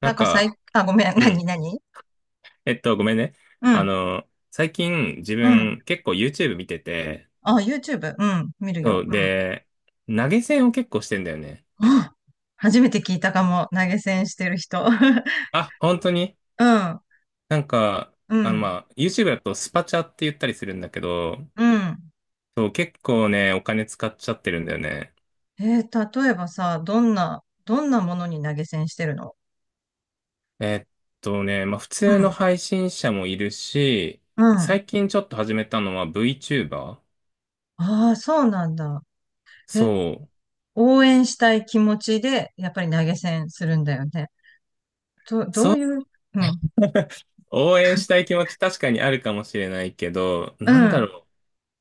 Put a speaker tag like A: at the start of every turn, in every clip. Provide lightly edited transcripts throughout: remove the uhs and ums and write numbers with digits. A: な
B: なん
A: ん
B: か最、
A: か、
B: あ、ごめん、
A: う
B: 何、
A: ん。
B: 何。
A: ごめんね。
B: うん、
A: 最近自
B: うん。
A: 分結構 YouTube 見てて、
B: あ、YouTube、うん、見る
A: そ
B: よ。う
A: う、
B: ん。
A: で、投げ銭を結構してんだよね。
B: あ、初めて聞いたかも、投げ銭してる人。
A: あ、本当に
B: うん、
A: なんか、
B: うん、
A: まあ、YouTube だとスパチャって言ったりするんだけど、
B: うん。
A: そう、結構ね、お金使っちゃってるんだよね。
B: えー例えばさ、どんな、どんなものに投げ銭してるの？
A: えっまあ、普
B: う
A: 通の
B: ん、
A: 配信者もいるし、
B: うん。
A: 最近ちょっと始めたのは VTuber？
B: ああ、そうなんだ。え、
A: そう。
B: 応援したい気持ちで、やっぱり投げ銭するんだよね。ど、ど
A: そ
B: う
A: う、
B: いう、うん、
A: 応援したい気持ち確かにあるかもしれないけど、
B: う
A: なんだ
B: ん。
A: ろう。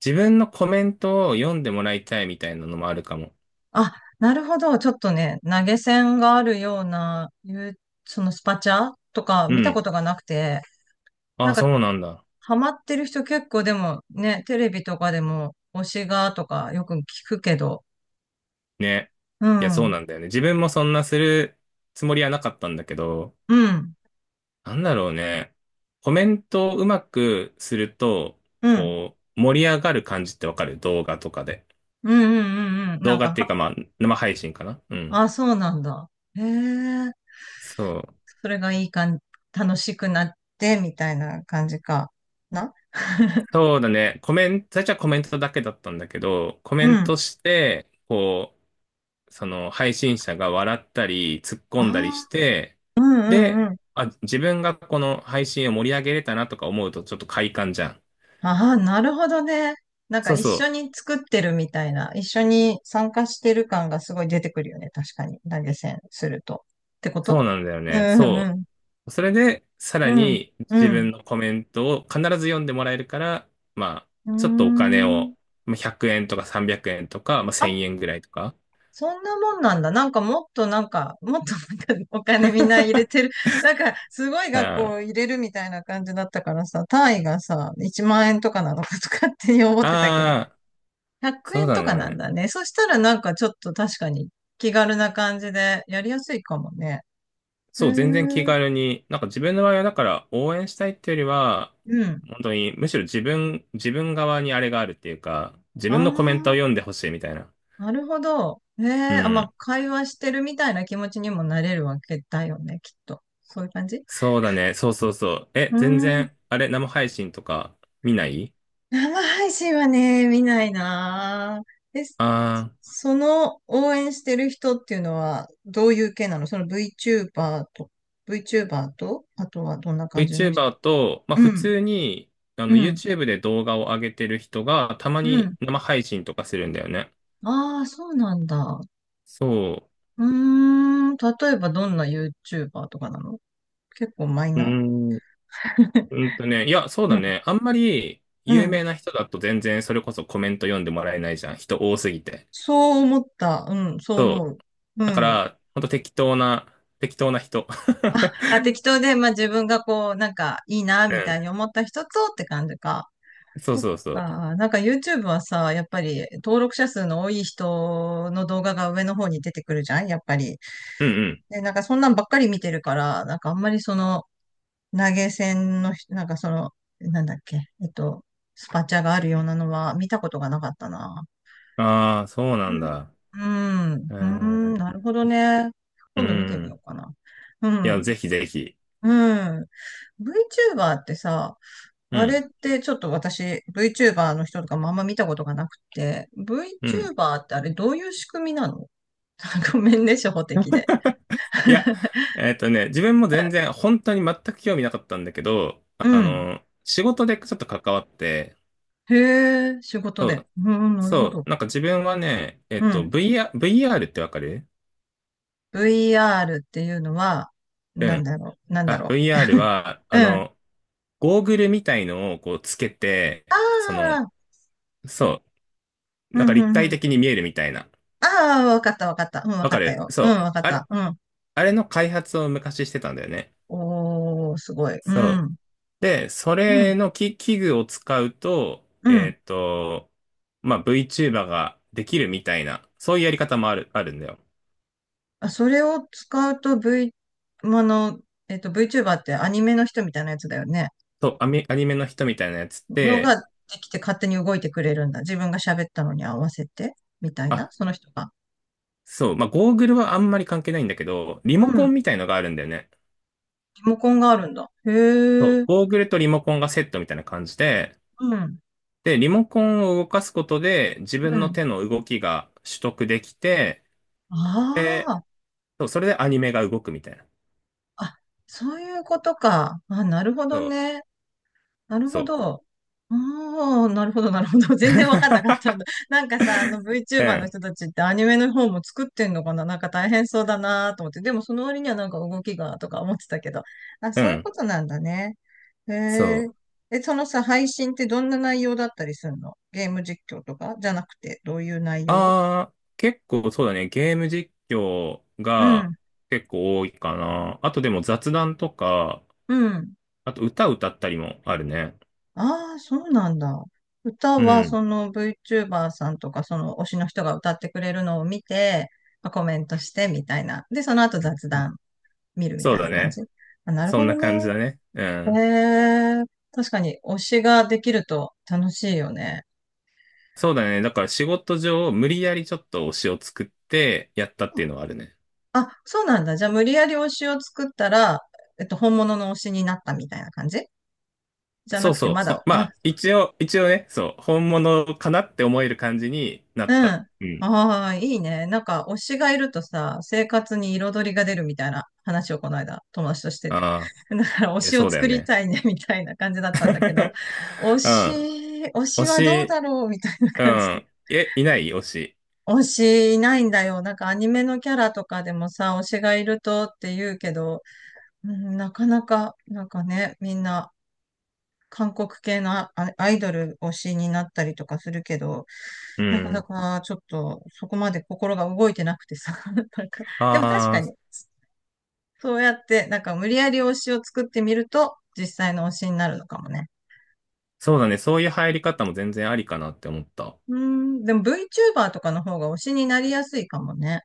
A: 自分のコメントを読んでもらいたいみたいなのもあるかも。
B: あ、なるほど。ちょっとね、投げ銭があるような、いう、そのスパチャとか
A: う
B: 見た
A: ん。
B: ことがなくて、なん
A: あ、
B: か、
A: そうなんだ。
B: ハマってる人結構でもね、テレビとかでも推しがとかよく聞くけど、
A: ね。
B: う
A: いや、
B: ん、
A: そ
B: う
A: う
B: ん、
A: なんだよね。自分もそんなするつもりはなかったんだけど、
B: うん、
A: なんだろうね。コメントをうまくすると、
B: うん、
A: こう、盛り上がる感じってわかる動画とかで。
B: うん、うん、うんな
A: 動
B: ん
A: 画
B: か、
A: っていう
B: は、
A: か、まあ、生配信かな。うん。
B: あ、そうなんだ。へえ、
A: そう。
B: それがいい感じ、楽しくなって、みたいな感じかな。
A: そうだね。コメント、最初はコメントだけだったんだけど、コメ
B: う
A: ン
B: ん。
A: トして、こう、その配信者が笑ったり突っ
B: あ
A: 込んだりし
B: あ、
A: て、
B: う
A: で、
B: ん、うん、
A: あ、自分がこの配信を盛り上げれたなとか思うとちょっと快感じゃん。
B: ああ、なるほどね。なんか
A: そう
B: 一
A: そ
B: 緒
A: う。
B: に作ってるみたいな、一緒に参加してる感がすごい出てくるよね。確かに。投げ銭すると。ってこ
A: そ
B: と。
A: うなんだよ
B: う
A: ね。
B: んう
A: そ
B: ん
A: う。それで、さ
B: う
A: ら
B: ん。
A: に
B: うん。
A: 自
B: うん。
A: 分のコメントを必ず読んでもらえるから、まあ、
B: うー
A: ちょっとお金
B: ん。
A: を、まあ100円とか300円とか、まあ
B: あ、
A: 1000円ぐらいとか。
B: そんなもんなんだ。なんかもっとなんか、もっとなんかお金みんな入れてる。なんかすごい
A: うん。
B: 額
A: あ
B: を入れるみたいな感じだったからさ、単位がさ、1万円とかなのかとかって思ってたけど。
A: あ、
B: 100
A: そう
B: 円
A: だ
B: とかなん
A: ね。
B: だね。そしたらなんかちょっと確かに気軽な感じでやりやすいかもね。へえ、
A: そう、全然気
B: う
A: 軽に、なんか自分の場合はだから応援したいっていうよりは、
B: ん。
A: 本当にむしろ自分側にあれがあるっていうか、自分のコメントを
B: あ
A: 読んでほしいみたいな。
B: あ、なるほど。へ
A: う
B: え、あ、まあ、
A: ん。
B: 会話してるみたいな気持ちにもなれるわけだよね、きっと。そういう感じ、う
A: そうだね。そうそうそう。え、
B: ー
A: 全
B: ん。
A: 然、あれ、生配信とか見ない？
B: 生配信はね、見ないなー。え、
A: ああ
B: その応援してる人っていうのはどういう系なの？その VTuber と、VTuber と、あとはどんな
A: ー、
B: 感じの人？
A: VTuber と、まあ
B: う
A: 普
B: ん、
A: 通に、
B: うん、
A: YouTube で動画を上げてる人が、たま
B: う
A: に
B: ん。
A: 生配信とかするんだよね。
B: ああ、そうなんだ。
A: そ
B: うーん、例えばどんな YouTuber とかなの？結構マイ
A: う。う
B: ナ
A: ーん。いや、そう
B: ー。 う
A: だ
B: ん、
A: ね。あんまり
B: う
A: 有
B: ん。
A: 名な人だと全然それこそコメント読んでもらえないじゃん。人多すぎて。
B: そう思った。うん、そう
A: そ
B: 思う。
A: う。
B: う
A: だか
B: ん。
A: ら、ほんと適当な人。
B: あ、適当で、まあ自分がこう、なんかいいな、
A: う
B: みた
A: ん。
B: いに思った人とって感じか。
A: そう
B: そっ
A: そうそう。
B: か。なんか YouTube はさ、やっぱり登録者数の多い人の動画が上の方に出てくるじゃんやっぱり。
A: うん
B: で、なんかそんなんばっかり見てるから、なんかあんまりその、投げ銭のひ、なんかその、なんだっけ、スパチャがあるようなのは見たことがなかったな。
A: うん。ああ、そうなんだ。
B: うん、
A: う
B: うん、う
A: ー
B: ん
A: ん。
B: なるほどね。
A: う
B: 今度見てみよ
A: ん。
B: うかな。う
A: いや、
B: ん、
A: ぜひぜひ。
B: うん。VTuber ってさ、
A: う
B: あれっ
A: ん。
B: てちょっと私、VTuber の人とかもあんま見たことがなくて、
A: うん。
B: VTuber ってあれどういう仕組みなの？ ごめんね、初歩的で。
A: いや、自分も全然、本当に全く興味なかったんだけど、
B: うん。
A: 仕事でちょっと関わって、
B: へえ、仕事
A: そ
B: で。
A: う
B: うん、なるほ
A: そ
B: ど。
A: う、なんか自分はね、
B: うん。
A: VR、ってわかる？
B: VR っていうのは、
A: う
B: なん
A: ん。
B: だろう、なんだ
A: あ、
B: ろう。
A: VR は、
B: うん。あ
A: ゴーグルみたいのをこうつけて、
B: あ、
A: そう、
B: う
A: なんか
B: ん、う
A: 立
B: ん、う
A: 体
B: ん。
A: 的に見えるみたいな。
B: ああ、わかった、わかった。うん、わ
A: わ
B: かっ
A: か
B: た
A: る。
B: よ。
A: そ
B: うん、
A: う。
B: わかった。うん。
A: あれの開発を昔してたんだよね。
B: おー、すごい。う
A: そう。
B: ん。
A: で、そ
B: うん、
A: れの器具を使うと、
B: うん。
A: えっと、まあ、VTuber ができるみたいな、そういうやり方もあるんだよ。
B: あ、それを使うと V、あの、VTuber ってアニメの人みたいなやつだよね。
A: そう、アニメの人みたいなやつっ
B: のが
A: て、
B: できて勝手に動いてくれるんだ。自分が喋ったのに合わせて、みたいな、
A: あ
B: その人が。
A: そう、まあ、ゴーグルはあんまり関係ないんだけど、リモ
B: う
A: コ
B: ん。
A: ンみたいのがあるんだよね。
B: リモコンがあるんだ。へ
A: そう、
B: え。
A: ゴーグルとリモコンがセットみたいな感じで、
B: うん。
A: で、リモコンを動かすことで自
B: う
A: 分の
B: ん。
A: 手の動きが取得できて、
B: あ
A: で、
B: あ。
A: そう、それでアニメが動くみたいな。
B: あ、そういうことか。あ、なるほ
A: そ
B: ど
A: う、
B: ね。なる
A: そ
B: ほ
A: う。
B: ど。おー、なるほど、なるほど。全然わかんなかったんだ。なんかさ、あの
A: う
B: VTuber の
A: ん、
B: 人たちってアニメの方も作ってんのかな、なんか大変そうだなと思って。でもその割にはなんか動きがとか思ってたけど。あ、
A: う
B: そういう
A: ん、
B: ことなんだね。へ
A: そ
B: え。
A: う。
B: え、そのさ、配信ってどんな内容だったりするの？ゲーム実況とかじゃなくて、どういう内容？
A: あー、結構そうだね、ゲーム実況
B: う
A: が
B: ん、
A: 結構多いかな。あとでも雑談とか、
B: うん。
A: あと歌歌ったりもあるね。
B: ああ、そうなんだ。歌
A: う
B: は
A: ん、
B: その VTuber さんとかその推しの人が歌ってくれるのを見て、まあコメントしてみたいな。で、その後雑談見るみ
A: そう
B: たい
A: だ
B: な感じ。
A: ね。
B: あ、なる
A: そ
B: ほ
A: ん
B: ど
A: な感じ
B: ね。
A: だね。う
B: へ
A: ん。
B: え、確かに推しができると楽しいよね。
A: そうだね。だから仕事上、無理やりちょっと推しを作ってやったっていうのはあるね。
B: あ、そうなんだ。じゃあ無理やり推しを作ったら、本物の推しになったみたいな感じじゃな
A: そう
B: くて、
A: そう。
B: まだ、
A: ま
B: あ、
A: あ、一応ね、そう、本物かなって思える感じにな
B: う
A: っ
B: ん。
A: た。うん。
B: ああ、いいね。なんか、推しがいるとさ、生活に彩りが出るみたいな話をこの間、友達としてて。
A: ああ、
B: だから、推
A: いや、
B: し
A: そ
B: を
A: うだ
B: 作
A: よ
B: り
A: ね。
B: たいね、みたいな感じだったんだけど、推
A: う
B: し、
A: ん。
B: 推
A: 推
B: しはどう
A: し、
B: だろうみたいな
A: う
B: 感じで。
A: ん。え、いない推し？
B: 推しいないんだよ。なんか、アニメのキャラとかでもさ、推しがいるとって言うけど、うん、なかなか、なんかね、みんな韓国系のアアイドル推しになったりとかするけど、
A: う
B: なかな
A: ん。
B: かちょっとそこまで心が動いてなくてさ、なんか、でも確
A: あ
B: か
A: あ、
B: に、そうやって、なんか無理やり推しを作ってみると、実際の推しになるのかもね。
A: そうだね。そういう入り方も全然ありかなって思った。
B: うーん、でも VTuber とかの方が推しになりやすいかもね。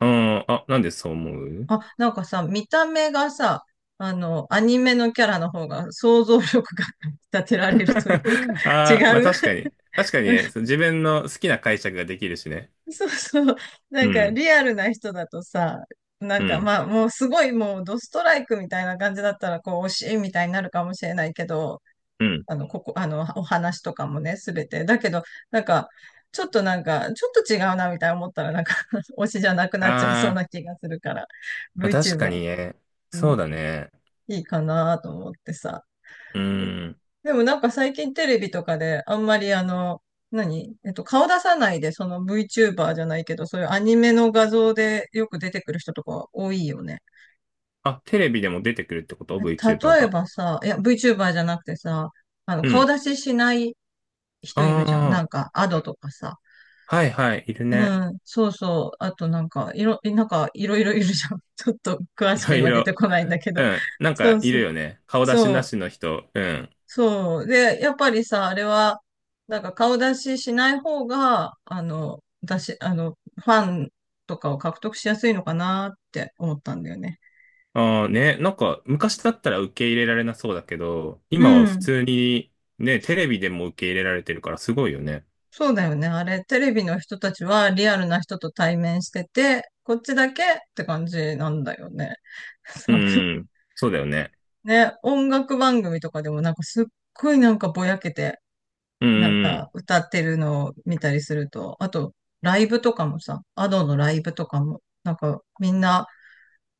A: うん。あ、なんでそう思う？
B: あ、なんかさ、見た目がさ、あの、アニメのキャラの方が想像力が 立てられるというか、
A: ああ、まあ
B: 違う。
A: 確かに。確かにね、その自分の好きな解釈ができるしね。
B: そうそう。な
A: う
B: んか
A: ん、
B: リアルな人だとさ、な
A: う
B: んか
A: ん、
B: まあもうすごいもうドストライクみたいな感じだったらこう惜しいみたいになるかもしれないけど、
A: うん。
B: あの、ここ、あの、お話とかもね、すべて。だけど、なんか、ちょっとなんか、ちょっと違うなみたいな思ったらなんか 推しじゃなくなっちゃい
A: あ
B: そうな
A: あ、
B: 気がするから、
A: まあ確か
B: VTuber、
A: にね。
B: う
A: そ
B: ん、
A: うだね。
B: いいかなと思ってさ。
A: うん。
B: でもなんか最近テレビとかであんまりあの、何、顔出さないでその VTuber じゃないけど、そういうアニメの画像でよく出てくる人とか多いよね。
A: あ、テレビでも出てくるってこと？
B: え、
A: VTuber
B: 例え
A: が。
B: ばさ、いや VTuber じゃなくてさ、あの、
A: う
B: 顔
A: ん。
B: 出ししない人いるじゃん。
A: あ
B: なんか、アドとかさ。
A: あ、はいはい、いるね。
B: うん、そうそう。あとなんか、いろ、なんかいろいろいるじゃん。ちょっと詳
A: い
B: しく
A: ろい
B: 今出
A: ろ。
B: てこないんだけど。
A: うん。なん
B: そ
A: か
B: う
A: い
B: そ
A: る
B: う。
A: よね。顔出し
B: そ
A: なし
B: う。
A: の人。うん。
B: そう。で、やっぱりさ、あれは、なんか顔出ししない方が、あの、出し、あの、ファンとかを獲得しやすいのかなって思ったんだよね。
A: ああね、なんか昔だったら受け入れられなそうだけど、
B: う
A: 今は普
B: ん。
A: 通にね、テレビでも受け入れられてるからすごいよね。
B: そうだよね。あれ、テレビの人たちはリアルな人と対面してて、こっちだけって感じなんだよね。
A: う
B: 多分
A: ん。そうだよね。
B: ね、音楽番組とかでもなんかすっごいなんかぼやけて、
A: う
B: なん
A: ん。
B: か歌ってるのを見たりすると、あとライブとかもさ、アドのライブとかも、なんかみんな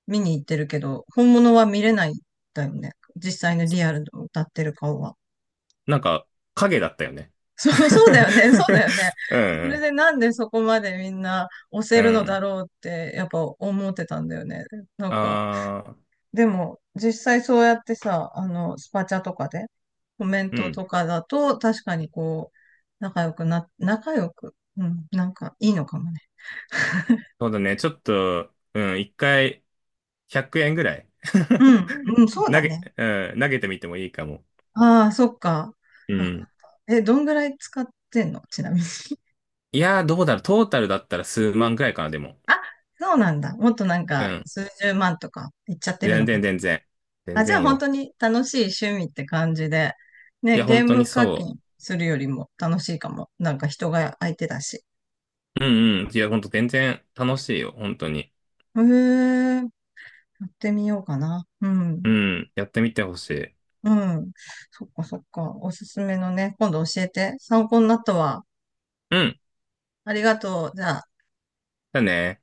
B: 見に行ってるけど、本物は見れないんだよね。実際のリアルの歌ってる顔は。
A: なんか、影だったよね。
B: そう、そうだ よね、そうだよね。
A: う
B: それ
A: ん。
B: でなんでそこまでみんな押
A: う
B: せるのだ
A: ん。
B: ろうってやっぱ思ってたんだよね。なんか
A: ああ、
B: でも、実際そうやってさ、あの、スパチャとかで、コメン
A: う
B: ト
A: ん。
B: とかだと、確かにこう、仲良くな、仲良く、うん、なんかいいのかもね。
A: そうだね。ちょっと、うん。一回、100円ぐらい
B: う ん、うん、そう
A: 投
B: だ
A: げ、
B: ね。
A: うん。投げてみてもいいかも。
B: ああ、そっか。
A: う
B: わかっ
A: ん。
B: た。え、どんぐらい使ってんの？ちなみに。
A: いやー、どうだろう。トータルだったら数万ぐらいかな、でも。
B: あ、そうなんだ。もっとなん
A: う
B: か、
A: ん。
B: 数十万とかいっちゃってる
A: 全
B: のか
A: 然、
B: と。
A: 全然。全
B: あ、じゃあ
A: 然
B: 本当
A: よ。
B: に楽しい趣味って感じで、
A: いや、
B: ね、ゲ
A: 本
B: ー
A: 当に
B: ム課
A: そ
B: 金するよりも楽しいかも。なんか人が相手だし。
A: う。うんうん。いや、本当全然楽しいよ。本当に。
B: へえ、やってみようかな。う
A: う
B: ん。
A: ん。やってみてほしい。
B: うん。そっかそっか。おすすめのね、今度教えて。参考になったわ。
A: うん。
B: ありがとう。じゃあ。
A: だね。